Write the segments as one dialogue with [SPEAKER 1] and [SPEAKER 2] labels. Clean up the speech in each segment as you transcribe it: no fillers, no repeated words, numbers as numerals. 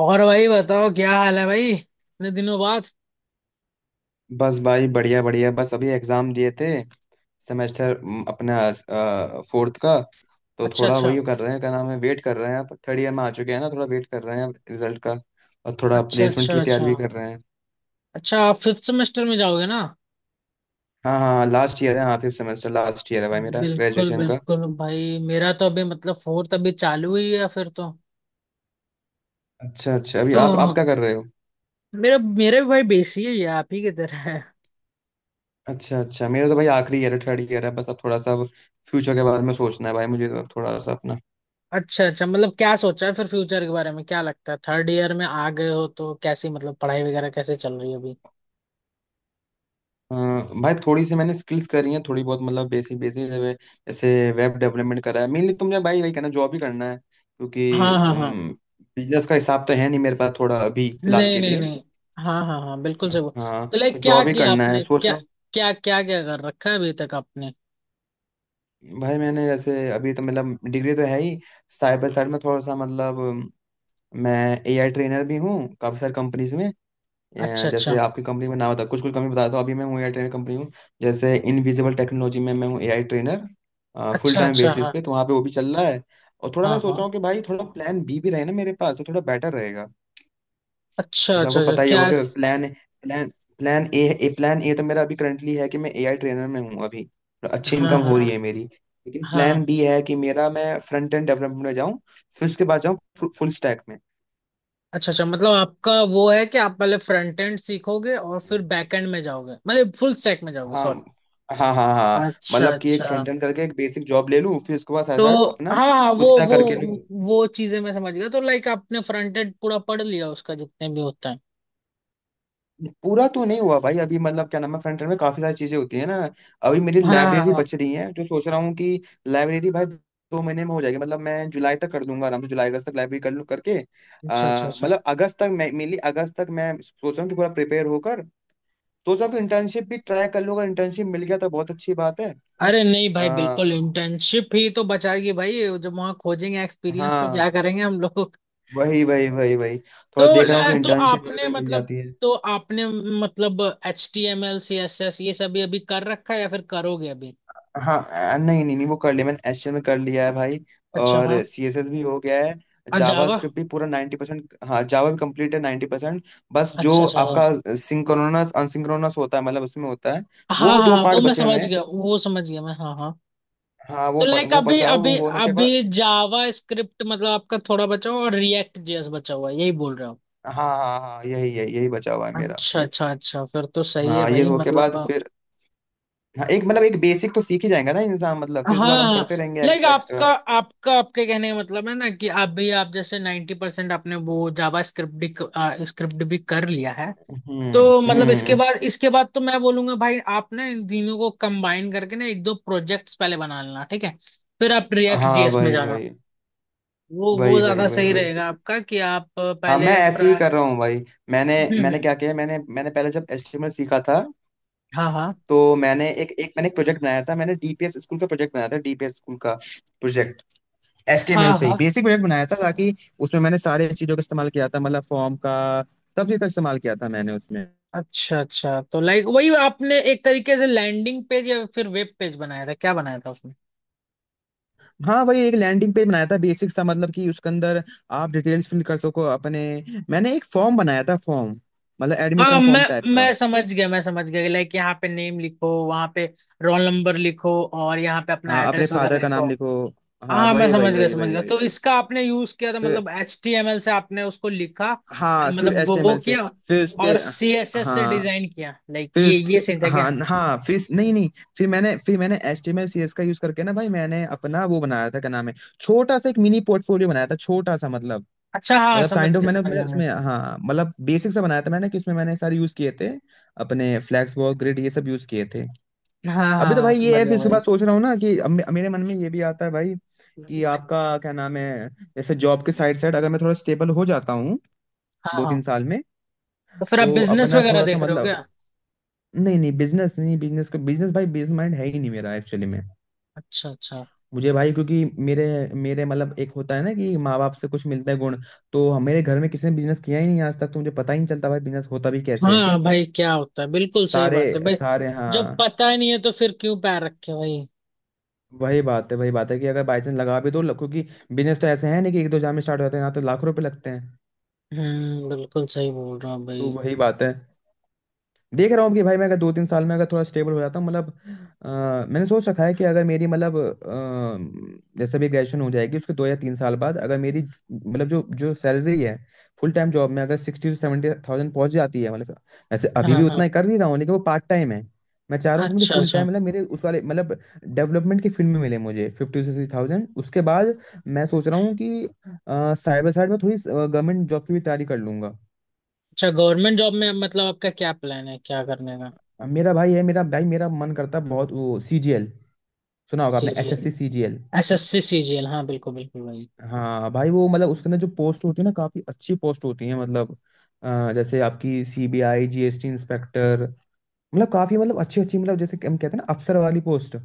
[SPEAKER 1] और भाई बताओ क्या हाल है भाई इतने दिनों बाद।
[SPEAKER 2] बस भाई बढ़िया बढ़िया। बस अभी एग्जाम दिए थे, सेमेस्टर अपना फोर्थ का। तो
[SPEAKER 1] अच्छा,
[SPEAKER 2] थोड़ा
[SPEAKER 1] अच्छा,
[SPEAKER 2] वही कर रहे हैं, क्या नाम है, वेट कर रहे हैं। अब थर्ड ईयर में आ चुके हैं ना, थोड़ा वेट कर रहे हैं रिजल्ट का। और थोड़ा
[SPEAKER 1] अच्छा,
[SPEAKER 2] प्लेसमेंट
[SPEAKER 1] अच्छा,
[SPEAKER 2] की भी तैयारी
[SPEAKER 1] अच्छा,
[SPEAKER 2] भी कर रहे हैं।
[SPEAKER 1] अच्छा। आप फिफ्थ सेमेस्टर में जाओगे ना।
[SPEAKER 2] हाँ हाँ, लास्ट ईयर है। हाँ, फिफ्थ सेमेस्टर लास्ट ईयर है भाई मेरा
[SPEAKER 1] बिल्कुल
[SPEAKER 2] ग्रेजुएशन का।
[SPEAKER 1] बिल्कुल भाई, मेरा तो अभी मतलब फोर्थ अभी चालू ही है फिर तो।
[SPEAKER 2] अच्छा अच्छा, अभी
[SPEAKER 1] तो
[SPEAKER 2] आप क्या कर रहे हो?
[SPEAKER 1] मेरा मेरा भी भाई बेसी है, ये आप ही की तरह है।
[SPEAKER 2] अच्छा अच्छा, मेरा तो भाई आखिरी ईयर है, थर्ड ईयर है। बस अब थोड़ा सा अब फ्यूचर के बारे में सोचना है भाई मुझे, तो थोड़ा सा अपना।
[SPEAKER 1] अच्छा, अच्छा, मतलब क्या सोचा है फिर फ्यूचर के बारे में, क्या लगता है थर्ड ईयर में आ गए हो तो कैसी मतलब पढ़ाई वगैरह कैसे चल रही है अभी।
[SPEAKER 2] अ, भाई थोड़ी सी मैंने स्किल्स करी हैं, थोड़ी बहुत, मतलब बेसिक बेसिक, जैसे वेब डेवलपमेंट करा है मेनली। तुमने भाई वही कहना, जॉब ही करना है,
[SPEAKER 1] हाँ,
[SPEAKER 2] क्योंकि
[SPEAKER 1] हाँ, हाँ।
[SPEAKER 2] बिजनेस का हिसाब तो है नहीं मेरे पास थोड़ा अभी फिलहाल
[SPEAKER 1] नहीं,
[SPEAKER 2] के
[SPEAKER 1] नहीं,
[SPEAKER 2] लिए।
[SPEAKER 1] नहीं। हाँ, हाँ, हाँ बिल्कुल सही
[SPEAKER 2] हाँ
[SPEAKER 1] तो
[SPEAKER 2] तो
[SPEAKER 1] लाइक क्या
[SPEAKER 2] जॉब ही
[SPEAKER 1] किया
[SPEAKER 2] करना है
[SPEAKER 1] आपने,
[SPEAKER 2] सोच
[SPEAKER 1] क्या
[SPEAKER 2] रहा हूँ।
[SPEAKER 1] क्या क्या क्या कर रखा है अभी तक आपने।
[SPEAKER 2] भाई मैंने जैसे, अभी तो मतलब डिग्री तो है ही, साइड बाय साइड में थोड़ा सा मतलब मैं एआई ट्रेनर भी हूँ, काफ़ी सारी कंपनीज में।
[SPEAKER 1] अच्छा,
[SPEAKER 2] जैसे
[SPEAKER 1] अच्छा,
[SPEAKER 2] आपकी कंपनी में नाम बता, कुछ कुछ कंपनी बता दो, अभी मैं हूँ एआई ट्रेनर कंपनी हूँ। जैसे इनविजिबल टेक्नोलॉजी में मैं हूँ एआई ट्रेनर फुल
[SPEAKER 1] अच्छा,
[SPEAKER 2] टाइम
[SPEAKER 1] अच्छा।
[SPEAKER 2] बेसिस
[SPEAKER 1] हाँ,
[SPEAKER 2] पे, तो वहाँ पे वो भी चल रहा है। और थोड़ा
[SPEAKER 1] हाँ,
[SPEAKER 2] मैं सोच रहा
[SPEAKER 1] हाँ।
[SPEAKER 2] हूँ कि भाई थोड़ा प्लान बी भी रहे ना मेरे पास, तो थोड़ा बेटर रहेगा।
[SPEAKER 1] अच्छा,
[SPEAKER 2] जैसे
[SPEAKER 1] अच्छा,
[SPEAKER 2] आपको
[SPEAKER 1] अच्छा,
[SPEAKER 2] पता ही
[SPEAKER 1] क्या?
[SPEAKER 2] होगा कि plan plan plan A A plan A तो मेरा अभी करंटली है कि मैं एआई ट्रेनर में हूँ अभी, तो अच्छी
[SPEAKER 1] हाँ,
[SPEAKER 2] इनकम हो रही
[SPEAKER 1] हाँ,
[SPEAKER 2] है मेरी। लेकिन
[SPEAKER 1] हाँ।
[SPEAKER 2] प्लान बी है कि मेरा, मैं फ्रंट एंड डेवलपमेंट में जाऊँ, फिर उसके बाद जाऊँ फुल स्टैक में।
[SPEAKER 1] अच्छा, अच्छा, मतलब आपका वो है कि आप पहले फ्रंट एंड सीखोगे और फिर बैक एंड में जाओगे मतलब फुल स्टैक में जाओगे,
[SPEAKER 2] हाँ
[SPEAKER 1] सॉरी।
[SPEAKER 2] हाँ हाँ हाँ
[SPEAKER 1] अच्छा,
[SPEAKER 2] मतलब कि एक
[SPEAKER 1] अच्छा।
[SPEAKER 2] फ्रंट एंड करके एक बेसिक जॉब ले लूँ, फिर उसके बाद साथ
[SPEAKER 1] तो
[SPEAKER 2] साथ अपना
[SPEAKER 1] हाँ, हाँ,
[SPEAKER 2] फुल
[SPEAKER 1] वो
[SPEAKER 2] स्टैक
[SPEAKER 1] वो
[SPEAKER 2] करके लूँ।
[SPEAKER 1] वो चीजें मैं समझ गया, तो लाइक आपने फ्रंट एंड पूरा पढ़ लिया उसका जितने भी होता है।
[SPEAKER 2] पूरा तो नहीं हुआ भाई अभी, मतलब क्या नाम है, फ्रंट एंड में काफी सारी चीजें होती है ना। अभी मेरी
[SPEAKER 1] हाँ, हाँ,
[SPEAKER 2] लाइब्रेरी
[SPEAKER 1] हाँ।
[SPEAKER 2] बच रही है, तो सोच रहा हूँ कि लाइब्रेरी भाई दो महीने में हो जाएगी, मतलब मैं जुलाई तक कर दूंगा आराम से, जुलाई अगस्त तक लाइब्रेरी कर लूँ करके।
[SPEAKER 1] अच्छा, अच्छा, अच्छा।
[SPEAKER 2] मतलब अगस्त तक मैं मेनली, अगस्त तक मैं सोच रहा हूँ कि पूरा प्रिपेयर होकर सोच रहा हूँ कि इंटर्नशिप भी ट्राई कर लूँ, अगर इंटर्नशिप मिल गया तो बहुत अच्छी बात है।
[SPEAKER 1] अरे नहीं भाई,
[SPEAKER 2] आ,
[SPEAKER 1] बिल्कुल इंटर्नशिप ही तो बचाएगी भाई। जब वहां खोजेंगे एक्सपीरियंस तो
[SPEAKER 2] हाँ,
[SPEAKER 1] क्या करेंगे हम लोग।
[SPEAKER 2] वही वही वही वही,
[SPEAKER 1] तो
[SPEAKER 2] थोड़ा देख रहा हूँ कि
[SPEAKER 1] ल- तो
[SPEAKER 2] इंटर्नशिप वगैरह
[SPEAKER 1] आपने
[SPEAKER 2] कहीं मिल
[SPEAKER 1] मतलब
[SPEAKER 2] जाती है।
[SPEAKER 1] तो आपने मतलब HTML CSS ये सब ये अभी कर रखा है या फिर करोगे अभी।
[SPEAKER 2] हाँ। नहीं नहीं नहीं, वो कर लिया मैंने, एचटीएमएल में कर लिया है भाई,
[SPEAKER 1] अच्छा
[SPEAKER 2] और
[SPEAKER 1] हाँ।
[SPEAKER 2] सीएसएस भी हो गया है।
[SPEAKER 1] और जावा।
[SPEAKER 2] जावास्क्रिप्ट भी पूरा 90%, हाँ, जावा भी कंप्लीट है 90%। बस
[SPEAKER 1] अच्छा,
[SPEAKER 2] जो
[SPEAKER 1] अच्छा हाँ,
[SPEAKER 2] आपका सिंक्रोनस अनसिंक्रोनस होता है, मतलब उसमें होता है,
[SPEAKER 1] हाँ,
[SPEAKER 2] वो
[SPEAKER 1] हाँ,
[SPEAKER 2] दो
[SPEAKER 1] हाँ, वो
[SPEAKER 2] पार्ट
[SPEAKER 1] मैं
[SPEAKER 2] बचे हुए
[SPEAKER 1] समझ
[SPEAKER 2] हैं।
[SPEAKER 1] गया, वो समझ गया मैं, हाँ, हाँ।
[SPEAKER 2] हाँ वो
[SPEAKER 1] तो
[SPEAKER 2] ब-
[SPEAKER 1] लाइक
[SPEAKER 2] वो
[SPEAKER 1] अभी
[SPEAKER 2] बचा हुआ- वो
[SPEAKER 1] अभी
[SPEAKER 2] होने के
[SPEAKER 1] अभी
[SPEAKER 2] बाद।
[SPEAKER 1] जावा स्क्रिप्ट मतलब आपका थोड़ा बचा हुआ और रिएक्ट जेएस बचा हुआ है, यही बोल रहे हो।
[SPEAKER 2] हाँ हाँ हाँ हाँ, यही यही यही बचा हुआ है मेरा।
[SPEAKER 1] अच्छा, अच्छा, अच्छा, फिर तो सही है
[SPEAKER 2] हाँ, ये
[SPEAKER 1] भाई
[SPEAKER 2] हो के बाद
[SPEAKER 1] मतलब।
[SPEAKER 2] फिर, हाँ, एक मतलब, एक बेसिक तो सीख ही जाएगा ना इंसान, मतलब फिर उसके बाद हम
[SPEAKER 1] हाँ
[SPEAKER 2] करते रहेंगे
[SPEAKER 1] लाइक
[SPEAKER 2] एक्स्ट्रा एक्स्ट्रा।
[SPEAKER 1] आपका। आपके कहने का मतलब है ना कि आप भी, आप जैसे 90% परसेंट आपने वो जावा स्क्रिप्ट भी कर लिया है। तो मतलब इसके
[SPEAKER 2] हम्म।
[SPEAKER 1] बाद इसके बाद तो मैं बोलूंगा भाई आप ना इन तीनों को कंबाइन करके ना एक दो प्रोजेक्ट्स पहले बना लेना, ठीक है। फिर आप रिएक्ट
[SPEAKER 2] हाँ
[SPEAKER 1] जीएस में
[SPEAKER 2] भाई
[SPEAKER 1] जाना।
[SPEAKER 2] भाई,
[SPEAKER 1] वो
[SPEAKER 2] वही वही
[SPEAKER 1] ज्यादा
[SPEAKER 2] वही
[SPEAKER 1] सही
[SPEAKER 2] वही
[SPEAKER 1] रहेगा आपका कि आप
[SPEAKER 2] हाँ मैं
[SPEAKER 1] पहले
[SPEAKER 2] ऐसे ही
[SPEAKER 1] फ्रा...
[SPEAKER 2] कर रहा हूँ भाई। मैंने
[SPEAKER 1] हम्म,
[SPEAKER 2] मैंने क्या किया, मैंने मैंने पहले जब एचटीएमएल सीखा था,
[SPEAKER 1] हाँ, हाँ,
[SPEAKER 2] तो मैंने एक एक मैंने एक प्रोजेक्ट बनाया था, मैंने डीपीएस स्कूल का प्रोजेक्ट बनाया था, डीपीएस स्कूल का प्रोजेक्ट
[SPEAKER 1] हाँ,
[SPEAKER 2] एचटीएमएल से ही
[SPEAKER 1] हाँ।
[SPEAKER 2] बेसिक प्रोजेक्ट बनाया था, ताकि उसमें मैंने सारे चीजों का इस्तेमाल किया था, मतलब फॉर्म का, सब चीज का इस्तेमाल किया था मैंने उसमें।
[SPEAKER 1] अच्छा, अच्छा, तो लाइक वही आपने एक तरीके से लैंडिंग पेज या फिर वेब पेज बनाया था, क्या बनाया था उसमें।
[SPEAKER 2] हाँ भाई, एक लैंडिंग पेज बनाया था बेसिक सा, मतलब कि उसके अंदर आप डिटेल्स फिल कर सको अपने। मैंने एक फॉर्म बनाया था, फॉर्म, मतलब
[SPEAKER 1] हाँ,
[SPEAKER 2] एडमिशन
[SPEAKER 1] मैं
[SPEAKER 2] फॉर्म टाइप का।
[SPEAKER 1] मैं समझ गया, मैं समझ गया, लाइक यहाँ पे नेम लिखो, वहाँ पे रोल नंबर लिखो, और यहाँ पे अपना
[SPEAKER 2] हाँ, अपने
[SPEAKER 1] एड्रेस
[SPEAKER 2] फादर
[SPEAKER 1] वगैरह
[SPEAKER 2] का
[SPEAKER 1] लिखो।
[SPEAKER 2] नाम लिखो,
[SPEAKER 1] हाँ,
[SPEAKER 2] हाँ
[SPEAKER 1] हाँ, मैं
[SPEAKER 2] वही वही
[SPEAKER 1] समझ गया
[SPEAKER 2] वही
[SPEAKER 1] समझ
[SPEAKER 2] वही
[SPEAKER 1] गया,
[SPEAKER 2] वही
[SPEAKER 1] तो
[SPEAKER 2] वही
[SPEAKER 1] इसका आपने यूज किया था
[SPEAKER 2] फिर
[SPEAKER 1] मतलब HTML से आपने उसको लिखा।
[SPEAKER 2] हाँ, सिर्फ
[SPEAKER 1] मतलब वो
[SPEAKER 2] एचटीएमएल से।
[SPEAKER 1] किया,
[SPEAKER 2] फिर उसके,
[SPEAKER 1] और CSS से
[SPEAKER 2] हाँ,
[SPEAKER 1] डिजाइन किया, लाइक
[SPEAKER 2] फिर
[SPEAKER 1] ये
[SPEAKER 2] उस,
[SPEAKER 1] ये सही था
[SPEAKER 2] हाँ
[SPEAKER 1] क्या।
[SPEAKER 2] हाँ, नहीं नहीं, फिर मैंने एचटीएमएल सीएस का यूज करके ना भाई, मैंने अपना वो बनाया था, क्या नाम है, छोटा सा एक मिनी पोर्टफोलियो बनाया था छोटा सा, मतलब
[SPEAKER 1] अच्छा हाँ,
[SPEAKER 2] मतलब काइंड ऑफ, मैंने
[SPEAKER 1] समझ
[SPEAKER 2] मैंने
[SPEAKER 1] गया मैं।
[SPEAKER 2] उसमें, हाँ मतलब बेसिक सा बनाया था मैंने, कि उसमें मैंने सारे यूज किए थे अपने, फ्लैक्स वर्क ग्रिड ये सब यूज किए थे।
[SPEAKER 1] हाँ, हाँ,
[SPEAKER 2] अभी तो
[SPEAKER 1] हाँ
[SPEAKER 2] भाई ये
[SPEAKER 1] समझ
[SPEAKER 2] है,
[SPEAKER 1] गया
[SPEAKER 2] फिर उसके
[SPEAKER 1] भाई।
[SPEAKER 2] बाद सोच रहा हूँ ना कि अब मेरे मन में ये भी आता है भाई, कि आपका क्या नाम है, जैसे जॉब के साइड साइड अगर मैं थोड़ा स्टेबल हो जाता हूँ
[SPEAKER 1] हाँ,
[SPEAKER 2] दो
[SPEAKER 1] हाँ।
[SPEAKER 2] तीन साल में,
[SPEAKER 1] तो फिर आप
[SPEAKER 2] तो
[SPEAKER 1] बिजनेस
[SPEAKER 2] अपना
[SPEAKER 1] वगैरह
[SPEAKER 2] थोड़ा सा
[SPEAKER 1] देख रहे हो
[SPEAKER 2] मतलब,
[SPEAKER 1] क्या।
[SPEAKER 2] नहीं नहीं बिजनेस नहीं, बिजनेस का, बिजनेस भाई बिजनेस माइंड है ही नहीं मेरा एक्चुअली में।
[SPEAKER 1] अच्छा, अच्छा।
[SPEAKER 2] मुझे भाई क्योंकि मेरे मेरे मतलब, एक होता है ना कि माँ बाप से कुछ मिलता है गुण, तो मेरे घर में किसी ने बिजनेस किया ही नहीं आज तक, तो मुझे पता ही नहीं चलता भाई बिजनेस होता भी कैसे है।
[SPEAKER 1] हाँ भाई, क्या होता है, बिल्कुल सही
[SPEAKER 2] सारे
[SPEAKER 1] बात है भाई।
[SPEAKER 2] सारे
[SPEAKER 1] जब
[SPEAKER 2] हाँ।
[SPEAKER 1] पता ही नहीं है तो फिर क्यों पैर रखे भाई।
[SPEAKER 2] वही बात है, वही बात है कि अगर बाई चांस लगा भी दो, क्योंकि बिजनेस तो ऐसे है नहीं कि एक दो जाम में स्टार्ट हो जाते हैं, यहाँ तो लाख रुपए लगते हैं।
[SPEAKER 1] हम्म, बिल्कुल सही बोल रहा हूँ
[SPEAKER 2] तो
[SPEAKER 1] भाई।
[SPEAKER 2] वही बात है, देख रहा हूँ कि भाई मैं अगर दो तीन साल में अगर थोड़ा स्टेबल हो जाता हूँ, मतलब मैंने सोच रखा है कि अगर मेरी मतलब, जैसे भी ग्रेजुएशन हो जाएगी, उसके दो या तीन साल बाद अगर मेरी मतलब जो जो सैलरी है फुल टाइम जॉब में अगर 60 to 70 थाउजेंड पहुंच जाती है, मतलब वैसे अभी भी
[SPEAKER 1] हाँ, हाँ।
[SPEAKER 2] उतना ही कर भी रहा हूँ लेकिन वो पार्ट टाइम है। मैं चाह रहा हूँ कि मुझे
[SPEAKER 1] अच्छा,
[SPEAKER 2] फुल
[SPEAKER 1] अच्छा,
[SPEAKER 2] टाइम मतलब मेरे उस वाले मतलब डेवलपमेंट की फील्ड में मिले मुझे 50 to 60 थाउजेंड, उसके बाद मैं सोच रहा हूँ कि साइबर साइड में थोड़ी गवर्नमेंट जॉब की भी तैयारी कर लूंगा।
[SPEAKER 1] अच्छा, गवर्नमेंट जॉब में मतलब आपका क्या प्लान है, क्या करने का।
[SPEAKER 2] मेरा भाई है, मेरा भाई, मेरा मन करता है बहुत वो सीजीएल, सुना होगा आपने
[SPEAKER 1] CGL.
[SPEAKER 2] SSC CGL.
[SPEAKER 1] SSC CGL, हाँ बिल्कुल बिल्कुल भाई।
[SPEAKER 2] हाँ भाई वो मतलब उसके अंदर जो पोस्ट होती है ना, काफी अच्छी पोस्ट होती है, मतलब जैसे आपकी सीबीआई, जीएसटी इंस्पेक्टर, मतलब काफी मतलब अच्छी अच्छी, मतलब जैसे कि हम कहते हैं ना अफसर वाली पोस्ट,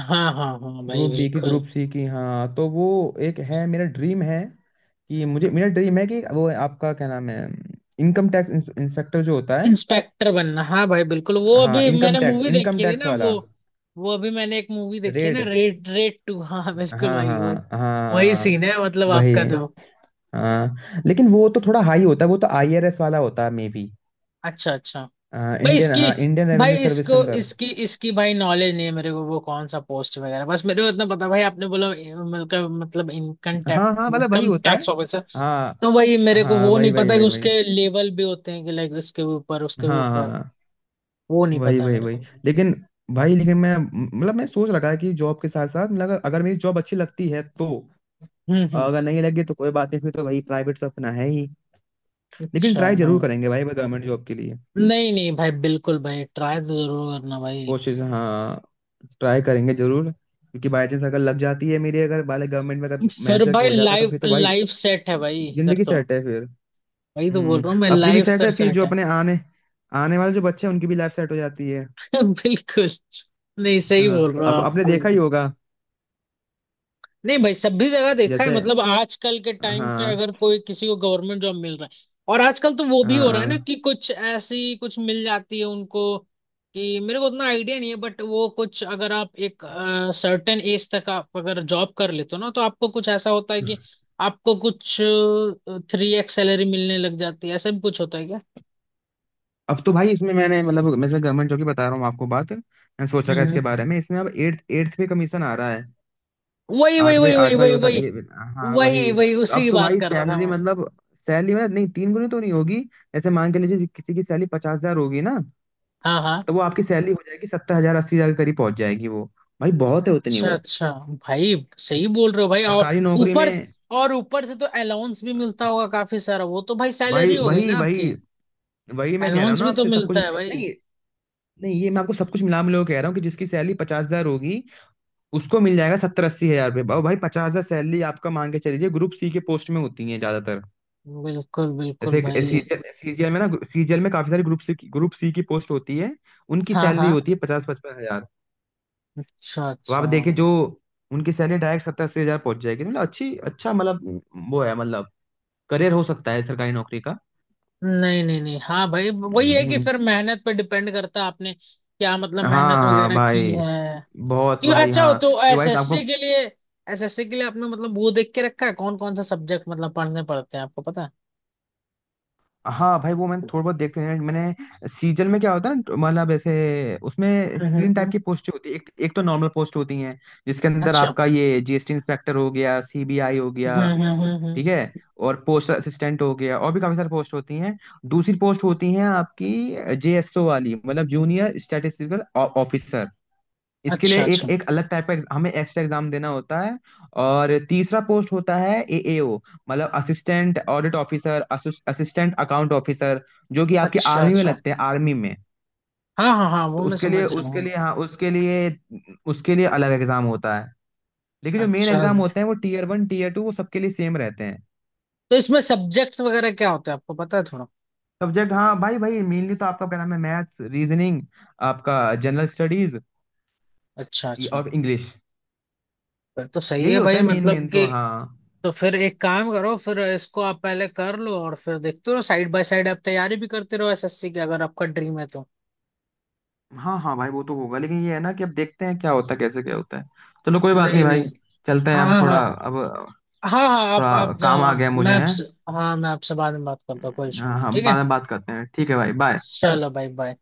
[SPEAKER 1] हाँ, हाँ, हाँ भाई
[SPEAKER 2] ग्रुप बी की
[SPEAKER 1] बिल्कुल।
[SPEAKER 2] ग्रुप सी की। हाँ तो वो एक है मेरा ड्रीम है कि मुझे, मेरा ड्रीम है कि वो आपका क्या नाम है, इनकम टैक्स इंस्पेक्टर जो होता है।
[SPEAKER 1] इंस्पेक्टर बनना, हाँ भाई बिल्कुल। वो
[SPEAKER 2] हाँ
[SPEAKER 1] अभी
[SPEAKER 2] इनकम
[SPEAKER 1] मैंने
[SPEAKER 2] टैक्स,
[SPEAKER 1] मूवी
[SPEAKER 2] इनकम
[SPEAKER 1] देखी थी
[SPEAKER 2] टैक्स
[SPEAKER 1] ना, वो।
[SPEAKER 2] वाला
[SPEAKER 1] वो अभी मैंने एक मूवी देखी है
[SPEAKER 2] रेड।
[SPEAKER 1] ना, रेड, रेड 2, हाँ
[SPEAKER 2] हाँ
[SPEAKER 1] बिल्कुल
[SPEAKER 2] हाँ
[SPEAKER 1] भाई वही।
[SPEAKER 2] हाँ
[SPEAKER 1] वही सीन
[SPEAKER 2] हाँ
[SPEAKER 1] है मतलब
[SPEAKER 2] वही।
[SPEAKER 1] आपका तो।
[SPEAKER 2] हाँ लेकिन वो तो थोड़ा हाई होता है, वो तो आईआरएस वाला होता है मे बी,
[SPEAKER 1] अच्छा, अच्छा। भाई
[SPEAKER 2] इंडियन,
[SPEAKER 1] इसकी।
[SPEAKER 2] हाँ इंडियन रेवेन्यू
[SPEAKER 1] भाई
[SPEAKER 2] सर्विस के
[SPEAKER 1] इसको
[SPEAKER 2] अंदर।
[SPEAKER 1] इसकी इसकी भाई नॉलेज नहीं है मेरे को, वो कौन सा पोस्ट वगैरह, बस मेरे को इतना पता भाई, आपने बोला मतलब
[SPEAKER 2] हाँ हाँ मतलब वही
[SPEAKER 1] इनकम
[SPEAKER 2] होता है।
[SPEAKER 1] Tax officer.
[SPEAKER 2] हाँ
[SPEAKER 1] तो भाई मेरे को
[SPEAKER 2] हाँ
[SPEAKER 1] वो
[SPEAKER 2] वही
[SPEAKER 1] नहीं
[SPEAKER 2] वही
[SPEAKER 1] पता कि
[SPEAKER 2] वही वही
[SPEAKER 1] उसके लेवल भी होते हैं, कि लाइक उसके भी ऊपर उसके भी
[SPEAKER 2] हाँ
[SPEAKER 1] ऊपर।
[SPEAKER 2] हाँ
[SPEAKER 1] वो नहीं
[SPEAKER 2] वही
[SPEAKER 1] पता है
[SPEAKER 2] वही
[SPEAKER 1] मेरे
[SPEAKER 2] वही
[SPEAKER 1] को।
[SPEAKER 2] लेकिन भाई, लेकिन मैं मतलब मैं सोच रखा है कि जॉब के साथ साथ, मतलब अगर मेरी जॉब अच्छी लगती है तो,
[SPEAKER 1] हम्म, हम्म।
[SPEAKER 2] अगर नहीं लगे तो कोई बात नहीं, फिर तो वही प्राइवेट तो अपना है ही। लेकिन
[SPEAKER 1] अच्छा
[SPEAKER 2] ट्राई
[SPEAKER 1] हाँ।
[SPEAKER 2] जरूर करेंगे भाई गवर्नमेंट जॉब के लिए।
[SPEAKER 1] नहीं, नहीं भाई, बिल्कुल भाई ट्राई तो जरूर करना भाई।
[SPEAKER 2] कोशिश हाँ, ट्राई करेंगे जरूर, क्योंकि बाई चांस अगर लग जाती है मेरी, अगर वाले गवर्नमेंट में अगर
[SPEAKER 1] फिर
[SPEAKER 2] मेहनत करके
[SPEAKER 1] भाई,
[SPEAKER 2] हो जाता तो
[SPEAKER 1] लाइफ
[SPEAKER 2] फिर तो भाई
[SPEAKER 1] लाइफ सेट है भाई फिर
[SPEAKER 2] जिंदगी
[SPEAKER 1] तो।
[SPEAKER 2] सेट है फिर।
[SPEAKER 1] वही तो बोल
[SPEAKER 2] हम्म,
[SPEAKER 1] रहा हूँ मैं,
[SPEAKER 2] अपनी भी
[SPEAKER 1] लाइफ
[SPEAKER 2] सेट
[SPEAKER 1] फिर
[SPEAKER 2] है, फिर
[SPEAKER 1] सेट
[SPEAKER 2] जो
[SPEAKER 1] है।
[SPEAKER 2] अपने आने आने वाले जो बच्चे हैं उनकी भी लाइफ सेट हो जाती है।
[SPEAKER 1] बिल्कुल। नहीं, सही
[SPEAKER 2] हाँ,
[SPEAKER 1] बोल रहे हो।
[SPEAKER 2] अब
[SPEAKER 1] आप।
[SPEAKER 2] आपने देखा ही होगा
[SPEAKER 1] नहीं भाई, सभी जगह देखा है,
[SPEAKER 2] जैसे।
[SPEAKER 1] मतलब आजकल के टाइम पे
[SPEAKER 2] हाँ
[SPEAKER 1] अगर कोई किसी को गवर्नमेंट जॉब मिल रहा है। और आजकल तो वो भी हो रहा है
[SPEAKER 2] हाँ,
[SPEAKER 1] ना कि कुछ ऐसी कुछ मिल जाती है उनको। कि मेरे को उतना आइडिया नहीं है, बट वो कुछ अगर आप एक सर्टेन एज तक आप अगर जॉब कर लेते हो ना, तो आपको कुछ ऐसा होता है कि आपको कुछ 3X सैलरी मिलने लग जाती है, ऐसा भी कुछ होता है क्या।
[SPEAKER 2] अब तो भाई इसमें मैंने मतलब, मैं गवर्नमेंट जॉब की बता रहा हूँ आपको बात, मैं सोच रखा है
[SPEAKER 1] हम्म,
[SPEAKER 2] इसके बारे में, इसमें अब एट्थ एट्थ पे कमीशन आ रहा है।
[SPEAKER 1] वही, वही,
[SPEAKER 2] आठवें,
[SPEAKER 1] वही, वही,
[SPEAKER 2] आठवां ही
[SPEAKER 1] वही,
[SPEAKER 2] होता ना
[SPEAKER 1] वही।
[SPEAKER 2] ये। हाँ
[SPEAKER 1] वही,
[SPEAKER 2] वही
[SPEAKER 1] वही,
[SPEAKER 2] तो,
[SPEAKER 1] उसी
[SPEAKER 2] अब
[SPEAKER 1] की
[SPEAKER 2] तो
[SPEAKER 1] बात
[SPEAKER 2] भाई
[SPEAKER 1] कर रहा था
[SPEAKER 2] सैलरी
[SPEAKER 1] मैं।
[SPEAKER 2] मतलब, सैलरी मतलब नहीं तीन गुनी तो नहीं होगी। ऐसे मान के लीजिए किसी की सैलरी 50,000 होगी ना,
[SPEAKER 1] हाँ, हाँ।
[SPEAKER 2] तो वो आपकी सैलरी हो जाएगी 70,000 80,000 के करीब पहुंच जाएगी वो। भाई बहुत है उतनी
[SPEAKER 1] अच्छा,
[SPEAKER 2] वो
[SPEAKER 1] अच्छा। भाई। सही बोल रहे हो भाई। और
[SPEAKER 2] सरकारी नौकरी
[SPEAKER 1] ऊपर।
[SPEAKER 2] में।
[SPEAKER 1] और ऊपर से तो अलाउंस भी मिलता होगा काफी सारा, वो तो भाई सैलरी
[SPEAKER 2] भाई
[SPEAKER 1] हो गई
[SPEAKER 2] वही
[SPEAKER 1] ना आपकी।
[SPEAKER 2] वही वही मैं कह रहा हूँ
[SPEAKER 1] अलाउंस
[SPEAKER 2] ना
[SPEAKER 1] भी तो
[SPEAKER 2] आपसे, सब कुछ
[SPEAKER 1] मिलता है भाई।
[SPEAKER 2] नहीं, नहीं ये मैं आपको सब कुछ मिला मिला के कह रहा हूँ कि जिसकी सैलरी 50,000 होगी, उसको मिल जाएगा 70–80,000 रुपये भाई। 50,000 सैलरी आपका मान के चलिए ग्रुप सी के पोस्ट में होती है ज्यादातर,
[SPEAKER 1] बिल्कुल, बिल्कुल
[SPEAKER 2] जैसे
[SPEAKER 1] भाई।
[SPEAKER 2] सीजीएल, सीजीएल में ना सीजीएल में काफी सारी ग्रुप सी, ग्रुप सी की पोस्ट होती है, उनकी
[SPEAKER 1] हाँ,
[SPEAKER 2] सैलरी
[SPEAKER 1] हाँ।
[SPEAKER 2] होती है 50–55,000।
[SPEAKER 1] अच्छा,
[SPEAKER 2] वहां
[SPEAKER 1] अच्छा।
[SPEAKER 2] पे देखिए जो, उनकी सैलरी डायरेक्ट 70–80,000 पहुंच जाएगी, तो मतलब अच्छी, अच्छा मतलब, वो है मतलब करियर हो सकता है सरकारी नौकरी का।
[SPEAKER 1] नहीं, नहीं, नहीं, हाँ भाई, वही है कि
[SPEAKER 2] हम्म।
[SPEAKER 1] फिर मेहनत पे डिपेंड करता है, आपने क्या मतलब
[SPEAKER 2] हाँ
[SPEAKER 1] मेहनत
[SPEAKER 2] हाँ
[SPEAKER 1] वगैरह की
[SPEAKER 2] भाई,
[SPEAKER 1] है।
[SPEAKER 2] बहुत
[SPEAKER 1] क्यों,
[SPEAKER 2] भाई,
[SPEAKER 1] अच्छा हो
[SPEAKER 2] हाँ।
[SPEAKER 1] तो
[SPEAKER 2] कि भाई आपको,
[SPEAKER 1] एसएससी के लिए। एसएससी के लिए आपने मतलब वो देख के रखा है कौन कौन सा सब्जेक्ट मतलब पढ़ने पड़ते हैं आपको पता है।
[SPEAKER 2] हाँ भाई वो मैंने थोड़ा बहुत देखते हैं, मैंने सीजन में क्या होता है ना, तो मतलब ऐसे उसमें
[SPEAKER 1] हम्म, हम्म,
[SPEAKER 2] तीन टाइप की पोस्टें होती है, एक एक तो नॉर्मल पोस्ट होती हैं जिसके अंदर
[SPEAKER 1] अच्छा।
[SPEAKER 2] आपका ये जीएसटी इंस्पेक्टर हो गया, सीबीआई हो
[SPEAKER 1] हम्म,
[SPEAKER 2] गया,
[SPEAKER 1] हम्म, हम्म,
[SPEAKER 2] ठीक है, और पोस्ट असिस्टेंट हो गया, और भी काफी सारी पोस्ट होती हैं। दूसरी पोस्ट होती है आपकी जेएसओ वाली, मतलब जूनियर स्टैटिस्टिकल ऑफिसर। इसके लिए
[SPEAKER 1] अच्छा,
[SPEAKER 2] एक
[SPEAKER 1] अच्छा,
[SPEAKER 2] एक अलग टाइप का हमें एक्स्ट्रा एग्जाम देना होता है। और तीसरा पोस्ट होता है एएओ, मतलब assistant audit officer, assistant account officer, जो कि आपके
[SPEAKER 1] अच्छा,
[SPEAKER 2] आर्मी में
[SPEAKER 1] अच्छा।
[SPEAKER 2] लगते हैं, आर्मी में।
[SPEAKER 1] हाँ, हाँ, हाँ
[SPEAKER 2] तो
[SPEAKER 1] वो मैं
[SPEAKER 2] उसके लिए
[SPEAKER 1] समझ रहा
[SPEAKER 2] उसके
[SPEAKER 1] हूँ।
[SPEAKER 2] लिए हाँ, उसके लिए अलग एग्जाम होता है। लेकिन जो मेन
[SPEAKER 1] अच्छा,
[SPEAKER 2] एग्जाम होते हैं वो टीयर 1 टीयर 2 वो सबके लिए सेम रहते हैं।
[SPEAKER 1] तो इसमें सब्जेक्ट्स वगैरह क्या होते हैं आपको पता है थोड़ा।
[SPEAKER 2] सब्जेक्ट हाँ भाई भाई, मेनली तो आपका क्या नाम है, मैथ्स, रीजनिंग, आपका जनरल स्टडीज,
[SPEAKER 1] अच्छा, अच्छा,
[SPEAKER 2] और इंग्लिश।
[SPEAKER 1] फिर तो सही
[SPEAKER 2] यही
[SPEAKER 1] है
[SPEAKER 2] होता
[SPEAKER 1] भाई
[SPEAKER 2] है मेन
[SPEAKER 1] मतलब
[SPEAKER 2] मेन तो,
[SPEAKER 1] कि।
[SPEAKER 2] हाँ
[SPEAKER 1] तो फिर एक काम करो, फिर इसको आप पहले कर लो और फिर देखते रहो साइड बाय साइड, आप तैयारी भी करते रहो एसएससी की अगर आपका ड्रीम है तो।
[SPEAKER 2] हाँ हाँ भाई। वो तो होगा लेकिन ये है ना कि अब देखते हैं क्या होता है, कैसे क्या होता है। चलो कोई बात
[SPEAKER 1] नहीं,
[SPEAKER 2] नहीं भाई,
[SPEAKER 1] नहीं।
[SPEAKER 2] चलते हैं
[SPEAKER 1] हाँ,
[SPEAKER 2] अब थोड़ा,
[SPEAKER 1] हाँ, हाँ।
[SPEAKER 2] अब
[SPEAKER 1] हाँ, हाँ, आप
[SPEAKER 2] थोड़ा
[SPEAKER 1] आप जाओ,
[SPEAKER 2] काम आ
[SPEAKER 1] आप,
[SPEAKER 2] गया
[SPEAKER 1] मैं
[SPEAKER 2] मुझे है।
[SPEAKER 1] आपसे। हाँ मैं आपसे बाद में बात करता हूँ, कोई इशू
[SPEAKER 2] हाँ
[SPEAKER 1] नहीं है,
[SPEAKER 2] हाँ,
[SPEAKER 1] ठीक है।
[SPEAKER 2] बाद में बात करते हैं, ठीक है भाई, बाय।
[SPEAKER 1] चलो भाई बाय।